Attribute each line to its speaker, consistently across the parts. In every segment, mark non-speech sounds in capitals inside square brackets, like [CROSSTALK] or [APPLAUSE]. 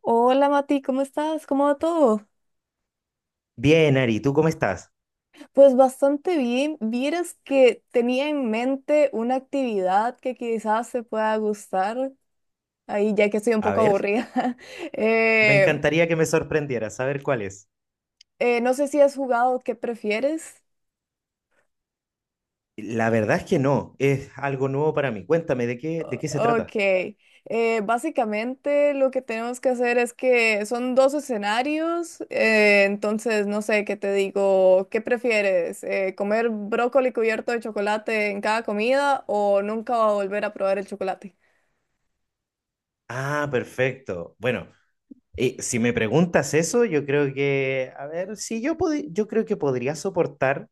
Speaker 1: Hola Mati, ¿cómo estás? ¿Cómo va todo?
Speaker 2: Bien, Ari, ¿tú cómo estás?
Speaker 1: Pues bastante bien. Vieras que tenía en mente una actividad que quizás te pueda gustar, ahí ya que estoy un
Speaker 2: A
Speaker 1: poco
Speaker 2: ver,
Speaker 1: aburrida. [LAUGHS]
Speaker 2: me
Speaker 1: Eh,
Speaker 2: encantaría que me sorprendieras. A ver cuál es.
Speaker 1: no sé si has jugado ¿Qué prefieres?
Speaker 2: La verdad es que no, es algo nuevo para mí. Cuéntame, ¿de qué se
Speaker 1: Ok,
Speaker 2: trata?
Speaker 1: básicamente lo que tenemos que hacer es que son dos escenarios, entonces no sé qué te digo, ¿qué prefieres? ¿Comer brócoli cubierto de chocolate en cada comida o nunca volver a probar el chocolate?
Speaker 2: Ah, perfecto. Bueno, si me preguntas eso, yo creo que, a ver, si yo podi- yo creo que podría soportar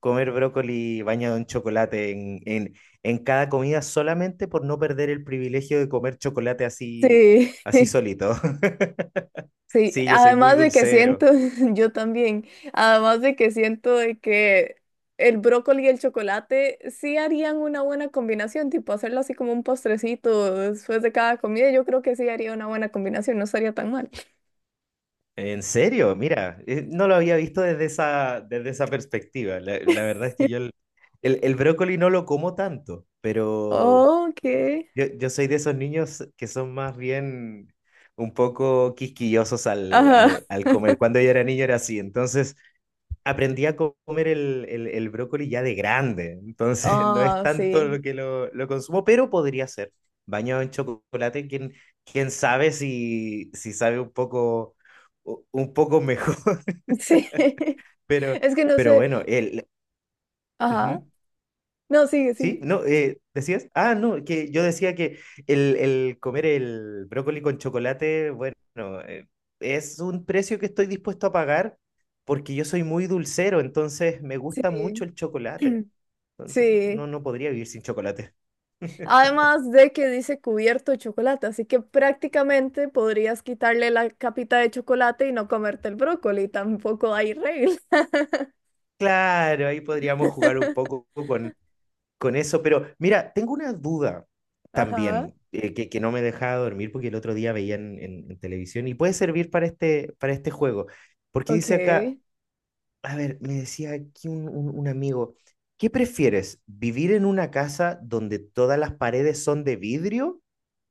Speaker 2: comer brócoli bañado en chocolate en cada comida solamente por no perder el privilegio de comer chocolate así,
Speaker 1: Sí.
Speaker 2: así solito. [LAUGHS]
Speaker 1: Sí,
Speaker 2: Sí, yo soy muy
Speaker 1: además de que siento,
Speaker 2: dulcero.
Speaker 1: [LAUGHS] yo también, además de que siento de que el brócoli y el chocolate sí harían una buena combinación, tipo hacerlo así como un postrecito después de cada comida, yo creo que sí haría una buena combinación, no estaría tan mal.
Speaker 2: En serio, mira, no lo había visto desde desde esa perspectiva. La verdad es que yo el brócoli no lo como tanto, pero
Speaker 1: Ok.
Speaker 2: yo soy de esos niños que son más bien un poco quisquillosos
Speaker 1: Ajá.
Speaker 2: al comer. Cuando yo era niño era así, entonces aprendí a comer el brócoli ya de grande, entonces [LAUGHS] no es
Speaker 1: Ah,
Speaker 2: tanto
Speaker 1: sí.
Speaker 2: lo que lo consumo, pero podría ser. Bañado en chocolate, quién sabe si sabe un poco, un poco mejor, [LAUGHS]
Speaker 1: Sí. [LAUGHS]
Speaker 2: pero,
Speaker 1: Es que no
Speaker 2: pero
Speaker 1: sé.
Speaker 2: bueno, el,
Speaker 1: Ajá.
Speaker 2: ujú.
Speaker 1: No, sigue,
Speaker 2: ¿Sí?
Speaker 1: sí.
Speaker 2: No, ¿decías? Ah, no, que yo decía que el comer el brócoli con chocolate, bueno, eh, es un precio que estoy dispuesto a pagar porque yo soy muy dulcero, entonces me
Speaker 1: Sí.
Speaker 2: gusta mucho el chocolate.
Speaker 1: [CLEARS THROAT]
Speaker 2: Entonces, no, no
Speaker 1: Sí.
Speaker 2: no podría vivir sin chocolate. [LAUGHS]
Speaker 1: Además de que dice cubierto de chocolate, así que prácticamente podrías quitarle la capita de chocolate y no comerte el brócoli, tampoco hay regla.
Speaker 2: Claro, ahí podríamos jugar un
Speaker 1: [LAUGHS]
Speaker 2: poco con eso, pero mira, tengo una duda
Speaker 1: Ajá,
Speaker 2: también que no me dejaba dormir porque el otro día veía en, en televisión y puede servir para este juego, porque
Speaker 1: ok,
Speaker 2: dice acá, a ver, me decía aquí un, un amigo, ¿qué prefieres? ¿Vivir en una casa donde todas las paredes son de vidrio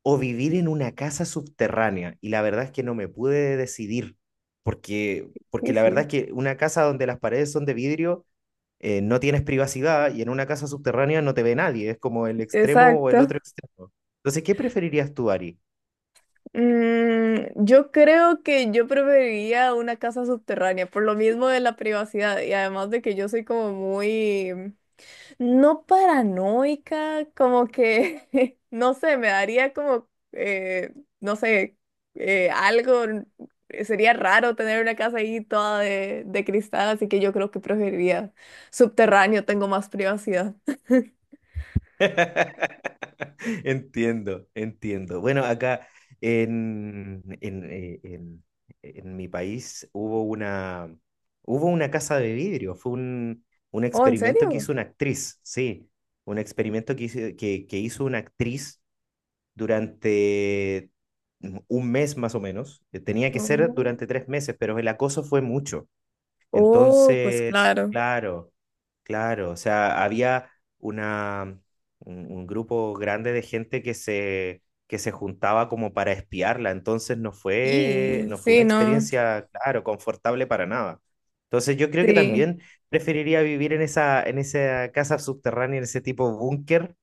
Speaker 2: o vivir en una casa subterránea? Y la verdad es que no me pude decidir, porque,
Speaker 1: sí,
Speaker 2: porque la verdad es
Speaker 1: sí,
Speaker 2: que una casa donde las paredes son de vidrio, no tienes privacidad, y en una casa subterránea no te ve nadie, es como el extremo o el
Speaker 1: exacto.
Speaker 2: otro extremo. Entonces, ¿qué preferirías tú, Ari?
Speaker 1: Mm, yo creo que yo preferiría una casa subterránea, por lo mismo de la privacidad y además de que yo soy como muy no paranoica, como que, [LAUGHS] no sé, me daría como, no sé, algo, sería raro tener una casa ahí toda de cristal, así que yo creo que preferiría subterráneo, tengo más privacidad. [LAUGHS]
Speaker 2: [LAUGHS] Entiendo, entiendo. Bueno, acá en, en, eh, en- en mi país hubo una casa de vidrio, fue un
Speaker 1: Oh, ¿en
Speaker 2: experimento que
Speaker 1: serio?
Speaker 2: hizo una actriz, sí, un experimento que hizo, que hizo una actriz durante un mes más o menos. Tenía que ser
Speaker 1: Oh,
Speaker 2: durante 3 meses, pero el acoso fue mucho.
Speaker 1: oh, pues
Speaker 2: Entonces,
Speaker 1: claro.
Speaker 2: claro, claro, o sea, había una, un grupo grande de gente que se juntaba como para espiarla. Entonces no fue,
Speaker 1: Y
Speaker 2: no fue
Speaker 1: sí,
Speaker 2: una
Speaker 1: no,
Speaker 2: experiencia, claro, confortable para nada. Entonces yo creo que
Speaker 1: sí,
Speaker 2: también preferiría vivir en esa casa subterránea, en ese tipo búnker,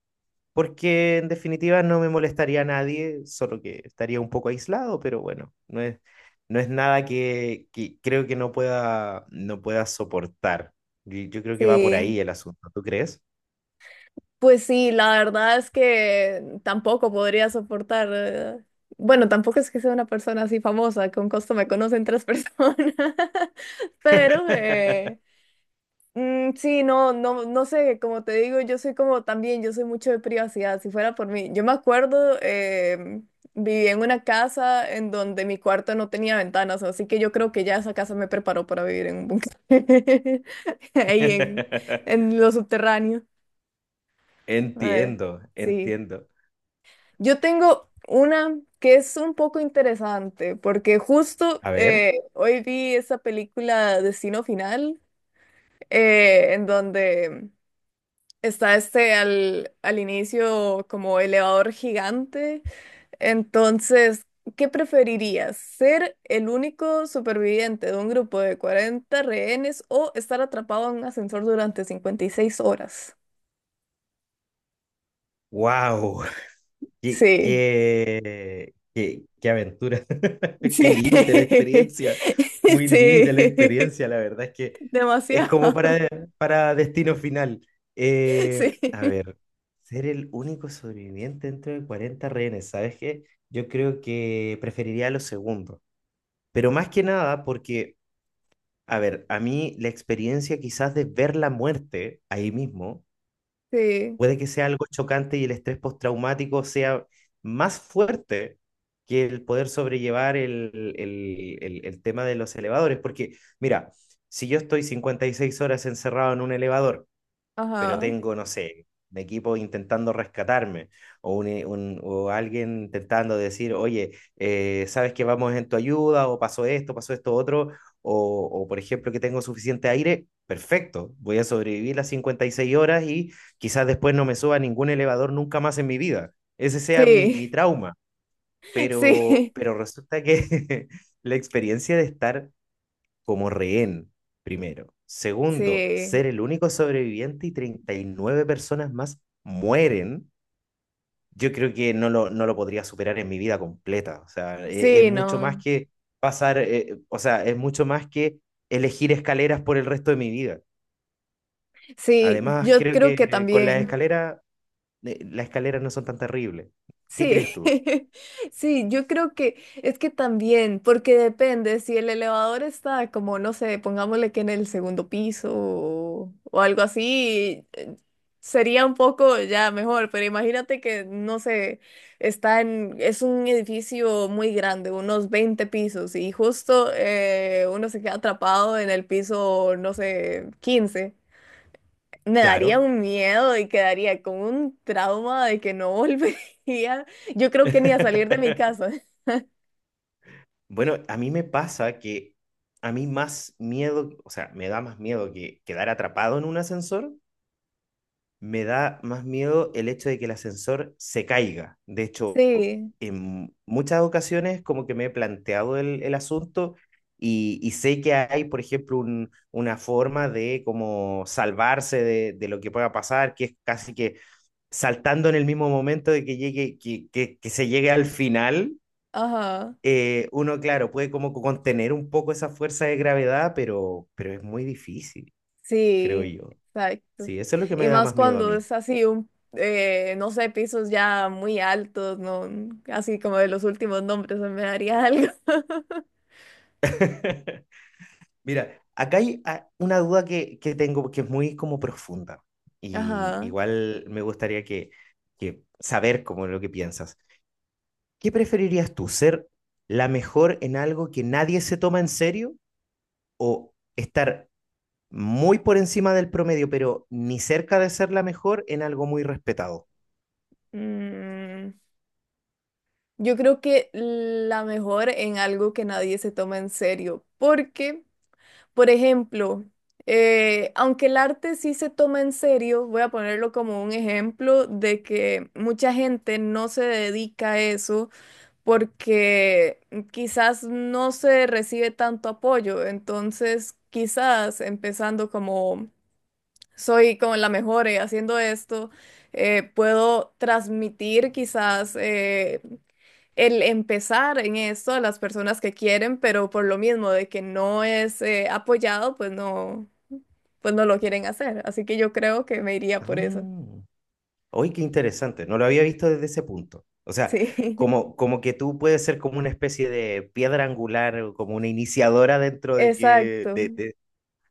Speaker 2: porque en definitiva no me molestaría a nadie, solo que estaría un poco aislado, pero bueno, no es, no es nada que, que creo que no pueda, no pueda soportar. Y yo creo que va por
Speaker 1: sí.
Speaker 2: ahí el asunto, ¿tú crees?
Speaker 1: Pues sí, la verdad es que tampoco podría soportar. Bueno, tampoco es que sea una persona así famosa, con costo me conocen 3 personas, [LAUGHS] pero
Speaker 2: [LAUGHS]
Speaker 1: mm, sí, no, no, no sé, como te digo, yo soy como también, yo soy mucho de privacidad, si fuera por mí. Yo me acuerdo, vivía en una casa en donde mi cuarto no tenía ventanas, así que yo creo que ya esa casa me preparó para vivir en un búnker, [LAUGHS] ahí en lo subterráneo. Eh,
Speaker 2: Entiendo,
Speaker 1: sí.
Speaker 2: entiendo.
Speaker 1: Yo tengo una que es un poco interesante, porque justo
Speaker 2: A ver,
Speaker 1: hoy vi esa película Destino Final, en donde está este al inicio como elevador gigante. Entonces, ¿qué preferirías? ¿Ser el único superviviente de un grupo de 40 rehenes o estar atrapado en un ascensor durante 56 horas?
Speaker 2: wow. Qué,
Speaker 1: Sí,
Speaker 2: qué, qué, qué aventura, [LAUGHS] qué
Speaker 1: sí,
Speaker 2: límite la experiencia,
Speaker 1: [LAUGHS]
Speaker 2: muy límite
Speaker 1: sí,
Speaker 2: la experiencia, la verdad es que
Speaker 1: [LAUGHS]
Speaker 2: es como
Speaker 1: demasiado.
Speaker 2: para destino final.
Speaker 1: [LAUGHS] Sí,
Speaker 2: A ver, ser el único sobreviviente dentro de 40 rehenes, ¿sabes qué? Yo creo que preferiría lo segundo, pero más que nada porque, a ver, a mí la experiencia quizás de ver la muerte ahí mismo
Speaker 1: sí,
Speaker 2: puede que sea algo chocante y el estrés postraumático sea más fuerte que el poder sobrellevar el tema de los elevadores. Porque, mira, si yo estoy 56 horas encerrado en un elevador pero
Speaker 1: ajá.
Speaker 2: tengo, no sé, un equipo intentando rescatarme o, un, o alguien intentando decir, oye, sabes que vamos en tu ayuda, o pasó esto otro, o por ejemplo que tengo suficiente aire, perfecto, voy a sobrevivir las 56 horas y quizás después no me suba a ningún elevador nunca más en mi vida. Ese sea mi,
Speaker 1: Sí,
Speaker 2: mi trauma,
Speaker 1: [LAUGHS] sí,
Speaker 2: pero resulta que [LAUGHS] la experiencia de estar como rehén, primero. Segundo,
Speaker 1: sí,
Speaker 2: ser el único sobreviviente y 39 personas más mueren. Yo creo que no no lo podría superar en mi vida completa. O sea, es
Speaker 1: sí,
Speaker 2: mucho más
Speaker 1: no.
Speaker 2: que pasar, o sea, es mucho más que elegir escaleras por el resto de mi vida.
Speaker 1: Sí,
Speaker 2: Además,
Speaker 1: yo
Speaker 2: creo
Speaker 1: creo
Speaker 2: que
Speaker 1: que
Speaker 2: con
Speaker 1: también.
Speaker 2: las escaleras no son tan terribles. ¿Qué
Speaker 1: Sí,
Speaker 2: crees tú?
Speaker 1: [LAUGHS] sí, yo creo que es que también, porque depende, si el elevador está como, no sé, pongámosle que en el segundo piso o algo así, sería un poco ya mejor, pero imagínate que, no sé, está en, es un edificio muy grande, unos 20 pisos, y justo uno se queda atrapado en el piso, no sé, 15. Me daría
Speaker 2: Claro.
Speaker 1: un miedo y quedaría con un trauma de que no [LAUGHS] volvería. Yo creo que ni a salir de mi
Speaker 2: [LAUGHS]
Speaker 1: casa.
Speaker 2: Bueno, a mí me pasa que a mí más miedo, o sea, me da más miedo que quedar atrapado en un ascensor, me da más miedo el hecho de que el ascensor se caiga. De hecho,
Speaker 1: Sí,
Speaker 2: en muchas ocasiones como que me he planteado el asunto y sé que hay, por ejemplo, una forma de como salvarse de lo que pueda pasar, que es casi que saltando en el mismo momento de que llegue, que se llegue al final.
Speaker 1: ajá,
Speaker 2: Uno, claro, puede como contener un poco esa fuerza de gravedad, pero es muy difícil, creo
Speaker 1: sí,
Speaker 2: yo.
Speaker 1: exacto.
Speaker 2: Sí, eso es lo que me
Speaker 1: Y
Speaker 2: da
Speaker 1: más
Speaker 2: más miedo a
Speaker 1: cuando
Speaker 2: mí.
Speaker 1: es así un, no sé, pisos ya muy altos, no, así como de los últimos nombres, me daría algo. [LAUGHS]
Speaker 2: [LAUGHS] Mira, acá hay ah, una duda que tengo que es muy como profunda, y
Speaker 1: Ajá.
Speaker 2: igual me gustaría que saber como lo que piensas. ¿Qué preferirías tú, ser la mejor en algo que nadie se toma en serio o estar muy por encima del promedio, pero ni cerca de ser la mejor en algo muy respetado?
Speaker 1: Mm, yo creo que la mejor en algo que nadie se toma en serio, porque por ejemplo, aunque el arte sí se toma en serio, voy a ponerlo como un ejemplo de que mucha gente no se dedica a eso porque quizás no se recibe tanto apoyo. Entonces, quizás empezando como soy como la mejor haciendo esto, puedo transmitir quizás el empezar en esto a las personas que quieren, pero por lo mismo de que no es apoyado, pues no lo quieren hacer. Así que yo creo que me iría
Speaker 2: Ah,
Speaker 1: por eso.
Speaker 2: hoy qué interesante, no lo había visto desde ese punto. O sea,
Speaker 1: Sí, [LAUGHS]
Speaker 2: como, como que tú puedes ser como una especie de piedra angular, o como una iniciadora dentro de que...
Speaker 1: exacto,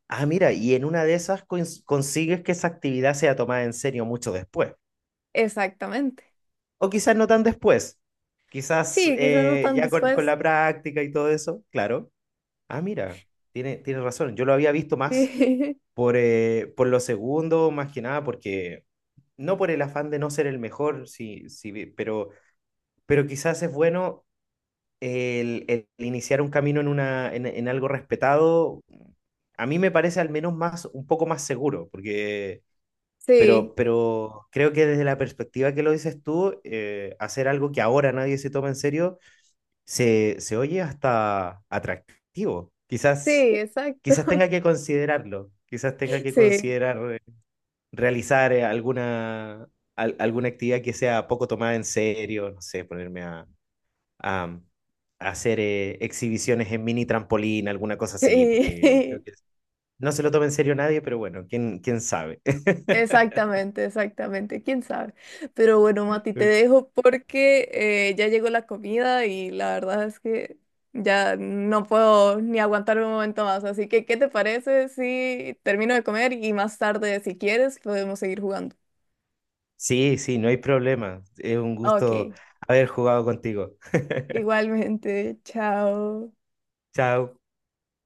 Speaker 2: Ah, mira, y en una de esas consigues que esa actividad sea tomada en serio mucho después.
Speaker 1: exactamente.
Speaker 2: O quizás no tan después, quizás
Speaker 1: Sí, quizás no tan
Speaker 2: ya con
Speaker 1: después.
Speaker 2: la práctica y todo eso, claro. Ah, mira, tiene, tiene razón, yo lo había visto más
Speaker 1: Sí,
Speaker 2: por lo segundo, más que nada, porque no por el afán de no ser el mejor, sí, sí, pero quizás es bueno el iniciar un camino en, una, en algo respetado. A mí me parece al menos más, un poco más seguro, porque,
Speaker 1: [LAUGHS] sí,
Speaker 2: pero creo que desde la perspectiva que lo dices tú, hacer algo que ahora nadie se toma en serio, se oye hasta atractivo.
Speaker 1: sí,
Speaker 2: Quizás,
Speaker 1: exacto.
Speaker 2: quizás
Speaker 1: [LAUGHS]
Speaker 2: tenga que considerarlo, quizás tenga que
Speaker 1: Sí,
Speaker 2: considerar realizar alguna, alguna actividad que sea poco tomada en serio, no sé, ponerme a, a- a hacer exhibiciones en mini trampolín, alguna cosa así, porque creo
Speaker 1: sí.
Speaker 2: que
Speaker 1: [LAUGHS]
Speaker 2: no se lo toma en serio nadie, pero bueno, quién, quién sabe.
Speaker 1: Exactamente, exactamente, quién sabe. Pero bueno, Mati, te
Speaker 2: [LAUGHS]
Speaker 1: dejo porque ya llegó la comida y la verdad es que ya no puedo ni aguantar un momento más. Así que, ¿qué te parece si termino de comer y más tarde, si quieres, podemos seguir jugando?
Speaker 2: Sí, sí, no hay problema. Es un gusto
Speaker 1: Ok,
Speaker 2: haber jugado contigo.
Speaker 1: igualmente, chao.
Speaker 2: Chao.